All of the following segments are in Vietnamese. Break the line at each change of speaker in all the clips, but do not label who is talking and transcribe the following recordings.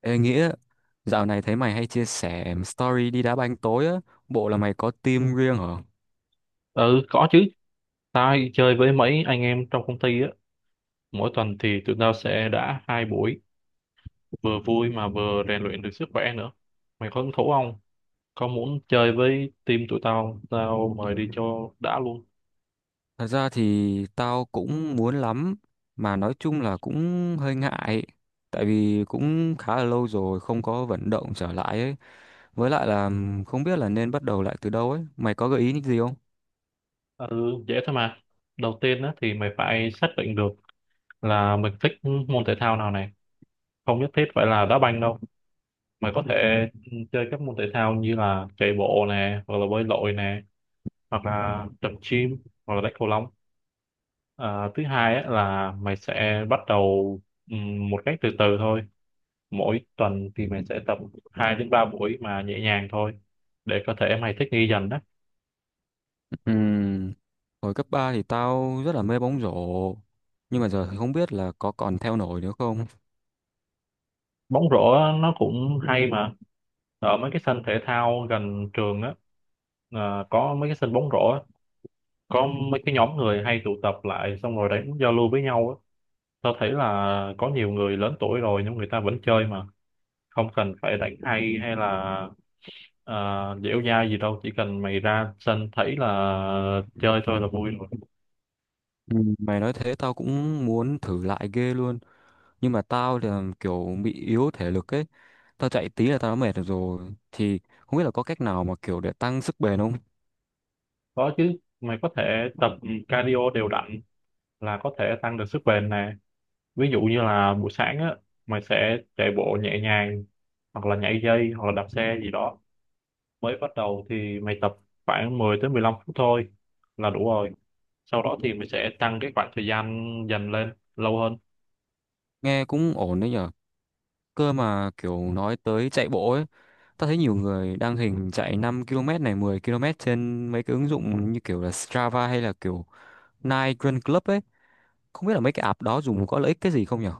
Ê Nghĩa, dạo này thấy mày hay chia sẻ story đi đá banh tối á, bộ là mày có team riêng hả?
Ừ, có chứ. Tao hay chơi với mấy anh em trong công ty á. Mỗi tuần thì tụi tao sẽ đã hai buổi, vừa vui mà vừa rèn luyện được sức khỏe nữa. Mày có hứng thú không? Có muốn chơi với team tụi tao, tao mời đi cho đã luôn.
Thật ra thì tao cũng muốn lắm, mà nói chung là cũng hơi ngại, tại vì cũng khá là lâu rồi không có vận động trở lại ấy. Với lại là không biết là nên bắt đầu lại từ đâu ấy, mày có gợi ý những gì không?
Ừ, dễ thôi mà. Đầu tiên á, thì mày phải xác định được là mình thích môn thể thao nào này. Không nhất thiết phải là đá banh đâu. Mày có thể chơi các môn thể thao như là chạy bộ nè, hoặc là bơi lội nè, hoặc là tập gym, hoặc là đánh cầu lông. À, thứ hai á, là mày sẽ bắt đầu một cách từ từ thôi. Mỗi tuần thì mày sẽ tập 2 đến 3 buổi mà nhẹ nhàng thôi, để có thể mày thích nghi dần đó.
Ừm, Hồi cấp 3 thì tao rất là mê bóng rổ, nhưng mà giờ thì không biết là có còn theo nổi nữa không?
Bóng rổ á, nó cũng hay mà. Ở mấy cái sân thể thao gần trường á, có mấy cái sân bóng rổ á, có mấy cái nhóm người hay tụ tập lại xong rồi đánh giao lưu với nhau á. Tao thấy là có nhiều người lớn tuổi rồi nhưng người ta vẫn chơi mà không cần phải đánh hay hay là. À, dẻo dai gì đâu, chỉ cần mày ra sân thấy là chơi thôi là vui rồi.
Mày nói thế tao cũng muốn thử lại ghê luôn. Nhưng mà tao thì là kiểu bị yếu thể lực ấy, tao chạy tí là tao đã mệt rồi thì không biết là có cách nào mà kiểu để tăng sức bền không?
Có chứ, mày có thể tập cardio đều đặn là có thể tăng được sức bền nè. Ví dụ như là buổi sáng á, mày sẽ chạy bộ nhẹ nhàng hoặc là nhảy dây hoặc là đạp xe gì đó. Mới bắt đầu thì mày tập khoảng 10 tới 15 phút thôi là đủ rồi. Sau đó thì mày sẽ tăng cái khoảng thời gian dần lên lâu hơn.
Nghe cũng ổn đấy nhở. Cơ mà kiểu nói tới chạy bộ ấy, tao thấy nhiều người đăng hình chạy 5 km này 10 km trên mấy cái ứng dụng như kiểu là Strava hay là kiểu Nike Run Club ấy, không biết là mấy cái app đó dùng có lợi ích cái gì không nhở?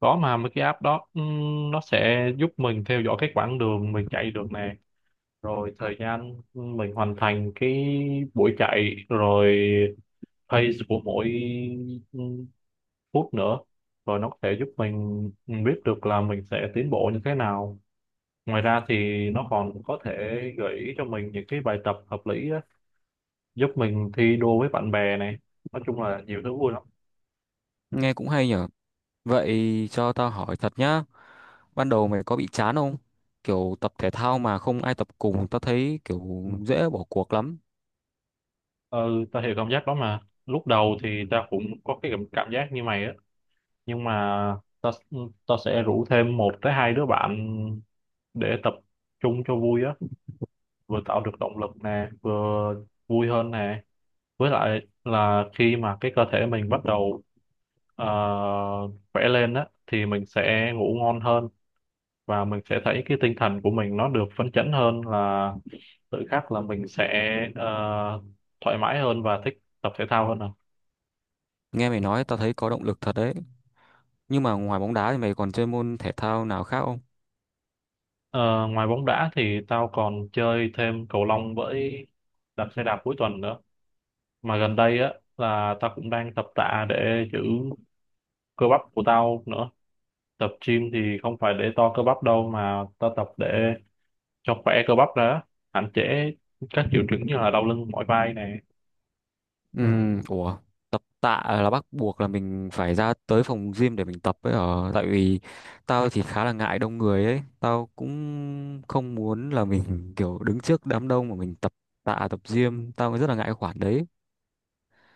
Có mà, mấy cái app đó nó sẽ giúp mình theo dõi cái quãng đường mình chạy được nè, rồi thời gian mình hoàn thành cái buổi chạy, rồi pace của mỗi ừ, phút nữa. Rồi nó có thể giúp mình biết được là mình sẽ tiến bộ như thế nào. Ngoài ra thì nó còn có thể gợi ý cho mình những cái bài tập hợp lý á, giúp mình thi đua với bạn bè này. Nói chung là nhiều thứ vui lắm.
Nghe cũng hay nhở. Vậy cho tao hỏi thật nhá, ban đầu mày có bị chán không? Kiểu tập thể thao mà không ai tập cùng, tao thấy kiểu dễ bỏ cuộc lắm.
Ừ, ta hiểu cảm giác đó mà. Lúc đầu thì ta cũng có cái cảm cảm giác như mày á, nhưng mà ta ta sẽ rủ thêm một tới hai đứa bạn để tập trung cho vui á, vừa tạo được động lực nè, vừa vui hơn nè. Với lại là khi mà cái cơ thể mình bắt đầu ờ, khỏe lên á thì mình sẽ ngủ ngon hơn, và mình sẽ thấy cái tinh thần của mình nó được phấn chấn hơn, là tự khắc là mình sẽ ờ, thoải mái hơn và thích tập thể thao hơn à.
Nghe mày nói tao thấy có động lực thật đấy, nhưng mà ngoài bóng đá thì mày còn chơi môn thể thao nào khác không?
Ờ, ngoài bóng đá thì tao còn chơi thêm cầu lông với đạp xe đạp cuối tuần nữa. Mà gần đây á là tao cũng đang tập tạ để giữ cơ bắp của tao nữa. Tập gym thì không phải để to cơ bắp đâu, mà tao tập để cho khỏe cơ bắp ra, hạn chế các triệu chứng như là đau lưng mỏi vai này.
Ừ. Ủa, tập tạ là bắt buộc là mình phải ra tới phòng gym để mình tập ấy ở, tại vì tao thì khá là ngại đông người ấy, tao cũng không muốn là mình kiểu đứng trước đám đông mà mình tập tạ, tập gym tao rất là ngại cái khoản đấy.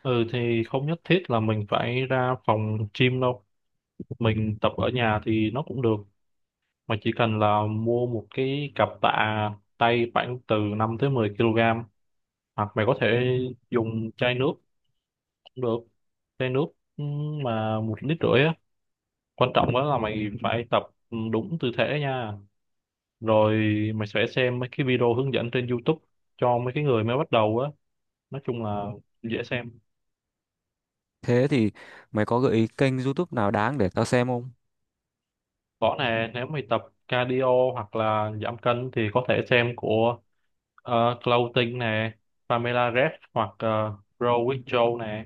Ừ, thì không nhất thiết là mình phải ra phòng gym đâu, mình tập ở nhà thì nó cũng được. Mà chỉ cần là mua một cái cặp tạ tay khoảng từ 5 tới 10 kg, hoặc mày có thể dùng chai nước cũng được. Chai nước ừ, mà 1,5 lít á. Quan trọng đó là mày phải tập đúng tư thế nha. Rồi mày sẽ xem mấy cái video hướng dẫn trên YouTube cho mấy cái người mới bắt đầu á. Nói chung là dễ xem.
Thế thì mày có gợi ý kênh YouTube nào đáng để tao xem không?
Có nè, nếu mày tập cardio hoặc là giảm cân thì có thể xem của Clothing nè, Pamela Reif, hoặc Grow with Joe nè.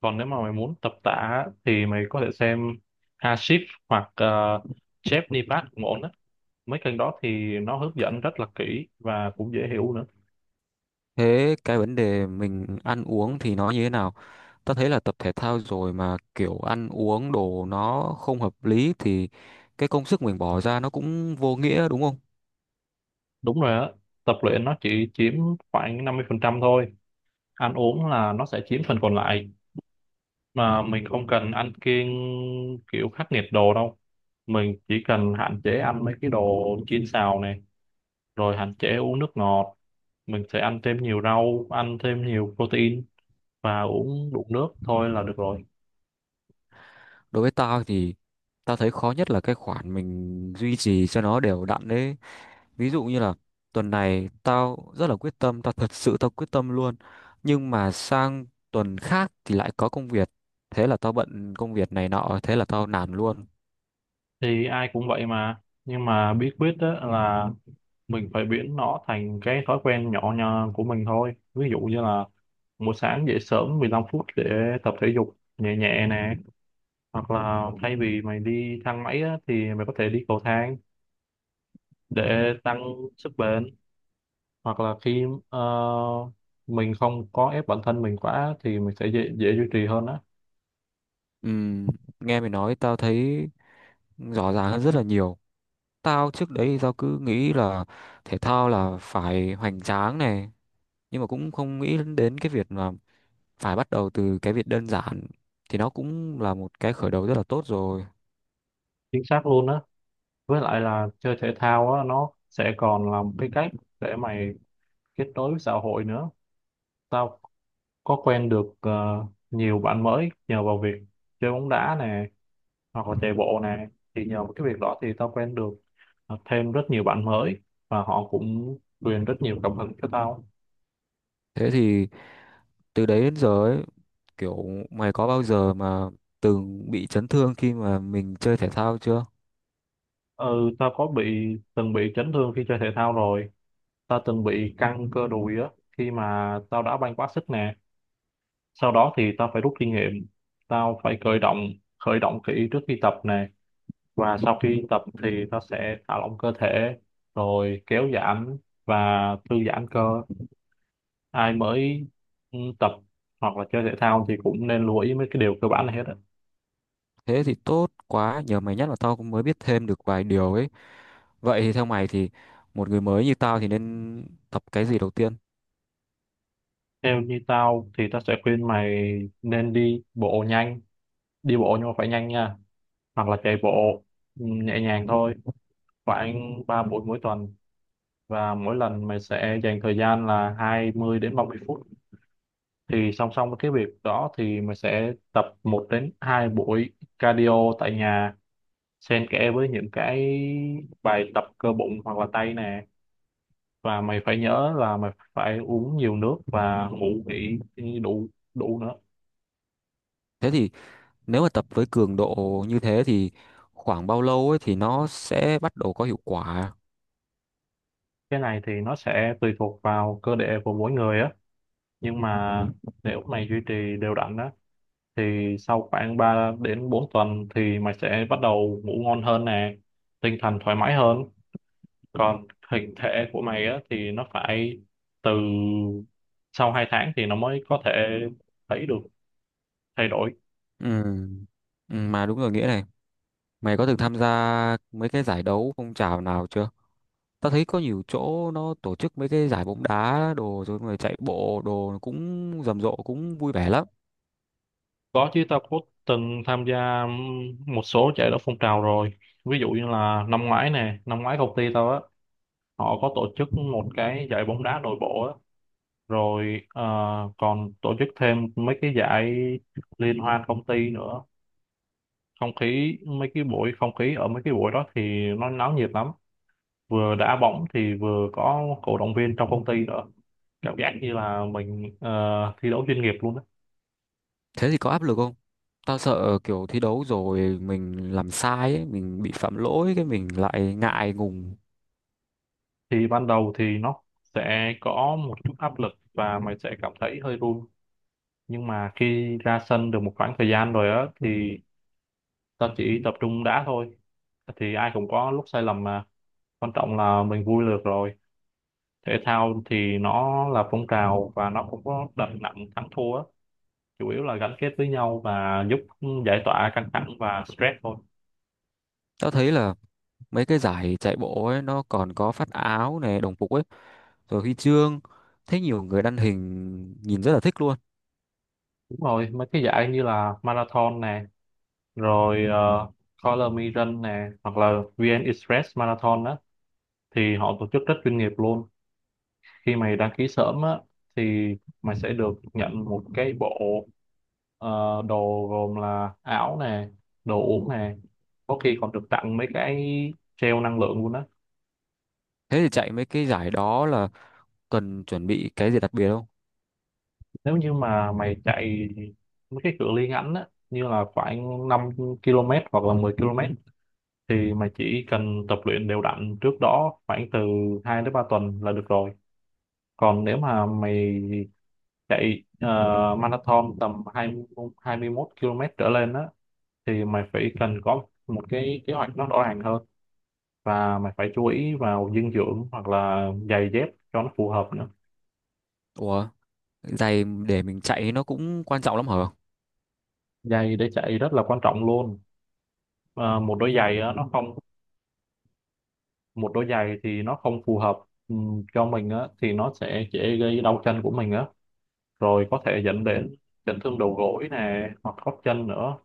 Còn nếu mà mày muốn tập tạ á, thì mày có thể xem Hashif hoặc Jeff Nipat cũng ổn á. Mấy kênh đó thì nó hướng dẫn rất là kỹ và cũng dễ hiểu nữa.
Thế cái vấn đề mình ăn uống thì nó như thế nào? Ta thấy là tập thể thao rồi mà kiểu ăn uống đồ nó không hợp lý thì cái công sức mình bỏ ra nó cũng vô nghĩa đúng không?
Đúng rồi á, tập luyện nó chỉ chiếm khoảng 50% thôi, ăn uống là nó sẽ chiếm phần còn lại. Mà mình không cần ăn kiêng kiểu khắc nghiệt đồ đâu, mình chỉ cần hạn chế ăn mấy cái đồ chiên xào này, rồi hạn chế uống nước ngọt. Mình sẽ ăn thêm nhiều rau, ăn thêm nhiều protein và uống đủ nước thôi là được rồi.
Đối với tao thì tao thấy khó nhất là cái khoản mình duy trì cho nó đều đặn đấy. Ví dụ như là tuần này tao rất là quyết tâm, tao thật sự tao quyết tâm luôn. Nhưng mà sang tuần khác thì lại có công việc. Thế là tao bận công việc này nọ, thế là tao nản luôn.
Thì ai cũng vậy mà, nhưng mà bí quyết đó là mình phải biến nó thành cái thói quen nhỏ nhặt của mình thôi. Ví dụ như là buổi sáng dậy sớm 15 phút để tập thể dục nhẹ nhẹ nè, hoặc là thay vì mày đi thang máy á, thì mày có thể đi cầu thang để tăng sức bền. Hoặc là khi ờ, mình không có ép bản thân mình quá thì mình sẽ dễ duy trì hơn á.
Ừm, Nghe mày nói tao thấy rõ ràng hơn rất là nhiều. Tao trước đấy thì tao cứ nghĩ là thể thao là phải hoành tráng này, nhưng mà cũng không nghĩ đến cái việc là phải bắt đầu từ cái việc đơn giản thì nó cũng là một cái khởi đầu rất là tốt rồi.
Chính xác luôn á. Với lại là chơi thể thao á, nó sẽ còn là một cái cách để mày kết nối với xã hội nữa. Tao có quen được nhiều bạn mới nhờ vào việc chơi bóng đá nè, hoặc là chạy bộ nè. Thì nhờ vào cái việc đó thì tao quen được thêm rất nhiều bạn mới, và họ cũng truyền rất nhiều cảm hứng cho tao.
Thế thì từ đấy đến giờ ấy, kiểu mày có bao giờ mà từng bị chấn thương khi mà mình chơi thể thao chưa?
Ừ, tao có bị từng bị chấn thương khi chơi thể thao rồi. Tao từng bị căng cơ đùi á, khi mà tao đã banh quá sức nè. Sau đó thì tao phải rút kinh nghiệm, tao phải khởi động, khởi động kỹ trước khi tập nè. Và sau khi tập thì tao sẽ thả lỏng cơ thể, rồi kéo giãn và thư giãn cơ. Ai mới tập hoặc là chơi thể thao thì cũng nên lưu ý mấy cái điều cơ bản này hết á.
Thế thì tốt quá, nhờ mày nhắc là tao cũng mới biết thêm được vài điều ấy. Vậy thì theo mày thì một người mới như tao thì nên tập cái gì đầu tiên?
Theo như tao thì tao sẽ khuyên mày nên đi bộ nhanh, đi bộ nhưng mà phải nhanh nha, hoặc là chạy bộ nhẹ nhàng thôi, khoảng 3 buổi mỗi tuần, và mỗi lần mày sẽ dành thời gian là 20 đến 30 phút. Thì song song với cái việc đó thì mày sẽ tập một đến 2 buổi cardio tại nhà, xen kẽ với những cái bài tập cơ bụng hoặc là tay nè. Và mày phải nhớ là mày phải uống nhiều nước và ngủ nghỉ đủ, đủ nữa.
Thế thì nếu mà tập với cường độ như thế thì khoảng bao lâu ấy thì nó sẽ bắt đầu có hiệu quả?
Cái này thì nó sẽ tùy thuộc vào cơ địa của mỗi người á. Nhưng mà nếu mày duy trì đều đặn á, thì sau khoảng 3 đến 4 tuần thì mày sẽ bắt đầu ngủ ngon hơn nè, tinh thần thoải mái hơn. Còn hình thể của mày á thì nó phải từ sau 2 tháng thì nó mới có thể thấy được thay đổi.
Ừ. Ừ mà đúng rồi Nghĩa này, mày có từng tham gia mấy cái giải đấu phong trào nào chưa? Tao thấy có nhiều chỗ nó tổ chức mấy cái giải bóng đá đồ rồi người chạy bộ đồ cũng rầm rộ cũng vui vẻ lắm.
Có chứ, tao cũng từng tham gia một số giải đấu phong trào rồi. Ví dụ như là năm ngoái nè, năm ngoái công ty tao á họ có tổ chức một cái giải bóng đá nội bộ á. Rồi còn tổ chức thêm mấy cái giải liên hoan công ty nữa. Không khí mấy cái buổi Không khí ở mấy cái buổi đó thì nó náo nhiệt lắm, vừa đá bóng thì vừa có cổ động viên trong công ty nữa. Cảm giác như là mình thi đấu chuyên nghiệp luôn đó.
Thế thì có áp lực không? Tao sợ kiểu thi đấu rồi mình làm sai ấy, mình bị phạm lỗi cái mình lại ngại ngùng.
Thì ban đầu thì nó sẽ có một chút áp lực và mày sẽ cảm thấy hơi run. Nhưng mà khi ra sân được một khoảng thời gian rồi á, thì tao chỉ tập trung đá thôi. Thì ai cũng có lúc sai lầm mà, quan trọng là mình vui được rồi. Thể thao thì nó là phong trào và nó không có đặt nặng thắng thua á. Chủ yếu là gắn kết với nhau và giúp giải tỏa căng thẳng và stress thôi.
Tao thấy là mấy cái giải chạy bộ ấy nó còn có phát áo này đồng phục ấy, rồi huy chương, thấy nhiều người đăng hình nhìn rất là thích luôn.
Đúng rồi, mấy cái giải như là marathon nè, rồi uh, Color Me Run nè, hoặc là VN Express Marathon á, thì họ tổ chức rất chuyên nghiệp luôn. Khi mày đăng ký sớm á thì mày sẽ được nhận một cái bộ đồ gồm là áo nè, đồ uống nè, có khi còn được tặng mấy cái gel năng lượng luôn á.
Thế thì chạy mấy cái giải đó là cần chuẩn bị cái gì đặc biệt không?
Nếu như mà mày chạy mấy cái cự ly ngắn á, như là khoảng 5 km hoặc là 10 km, thì mày chỉ cần tập luyện đều đặn trước đó khoảng từ 2 đến 3 tuần là được rồi. Còn nếu mà mày chạy marathon tầm 20, 21 km trở lên á, thì mày phải cần có một cái kế hoạch nó rõ ràng hơn, và mày phải chú ý vào dinh dưỡng hoặc là giày dép cho nó phù hợp nữa.
Ủa, giày để mình chạy nó cũng quan trọng lắm hả?
Giày để chạy rất là quan trọng luôn. Ờ, một đôi giày á, nó không Một đôi giày thì nó không phù hợp cho mình á thì nó sẽ dễ gây đau chân của mình á, rồi có thể dẫn đến chấn thương đầu gối nè, hoặc gót chân nữa.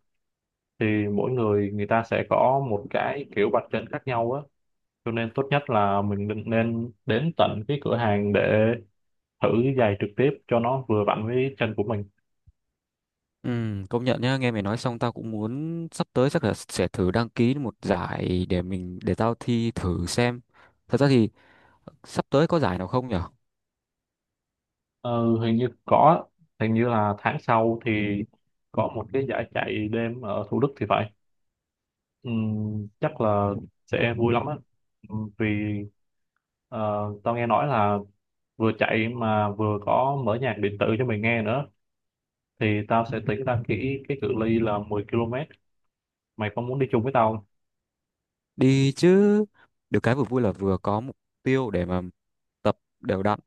Thì mỗi người người, ta sẽ có một cái kiểu bật chân khác nhau á. Cho nên tốt nhất là mình nên nên đến tận cái cửa hàng để thử giày trực tiếp cho nó vừa vặn với chân của mình.
Ừ, công nhận nhá, nghe mày nói xong tao cũng muốn sắp tới chắc là sẽ thử đăng ký một giải để mình để tao thi thử xem. Thật ra thì sắp tới có giải nào không nhở?
Ừ, hình như có. Hình như là tháng sau thì có một cái giải chạy đêm ở Thủ Đức thì phải. Chắc là sẽ vui lắm á. Vì ờ, tao nghe nói là vừa chạy mà vừa có mở nhạc điện tử cho mình nghe nữa. Thì tao sẽ tính ra kỹ cái cự ly là 10 km. Mày có muốn đi chung với tao không?
Đi chứ, được cái vừa vui là vừa có mục tiêu để mà tập đều đặn.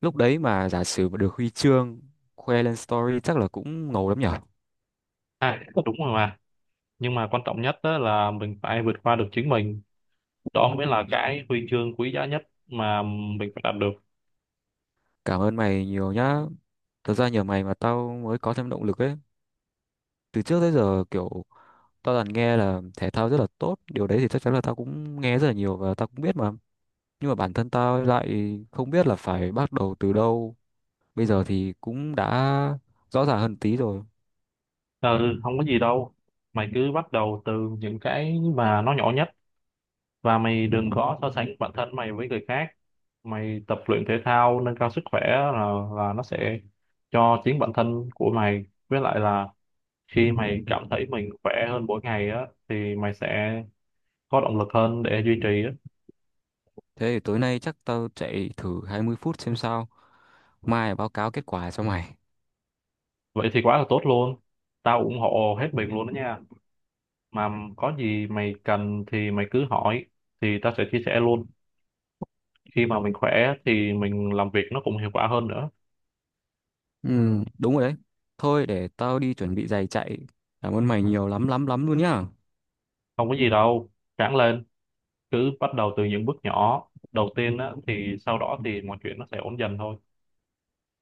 Lúc đấy mà giả sử mà được huy chương khoe lên story chắc là cũng ngầu lắm nhở.
À, đúng rồi mà, nhưng mà quan trọng nhất đó là mình phải vượt qua được chính mình. Đó mới là cái huy chương quý giá nhất mà mình phải đạt được.
Cảm ơn mày nhiều nhá. Thật ra nhờ mày mà tao mới có thêm động lực ấy. Từ trước tới giờ kiểu tao toàn nghe là thể thao rất là tốt. Điều đấy thì chắc chắn là tao cũng nghe rất là nhiều và tao cũng biết mà. Nhưng mà bản thân tao lại không biết là phải bắt đầu từ đâu. Bây giờ thì cũng đã rõ ràng hơn tí rồi.
Ừ, không có gì đâu, mày cứ bắt đầu từ những cái mà nó nhỏ nhất, và mày đừng có so sánh bản thân mày với người khác. Mày tập luyện thể thao nâng cao sức khỏe là nó sẽ cho chính bản thân của mày. Với lại là khi mày cảm thấy mình khỏe hơn mỗi ngày á thì mày sẽ có động lực hơn để duy trì á.
Thế thì tối nay chắc tao chạy thử 20 phút xem sao. Mai báo cáo kết quả cho mày.
Vậy thì quá là tốt luôn, tao ủng hộ hết mình luôn đó nha. Mà có gì mày cần thì mày cứ hỏi, thì tao sẽ chia sẻ luôn. Khi mà mình khỏe thì mình làm việc nó cũng hiệu quả hơn nữa.
Ừ, đúng rồi đấy. Thôi để tao đi chuẩn bị giày chạy. Cảm ơn mày nhiều lắm lắm lắm luôn nhá.
Không có gì đâu, ráng lên. Cứ bắt đầu từ những bước nhỏ đầu tiên á, thì sau đó thì mọi chuyện nó sẽ ổn dần thôi.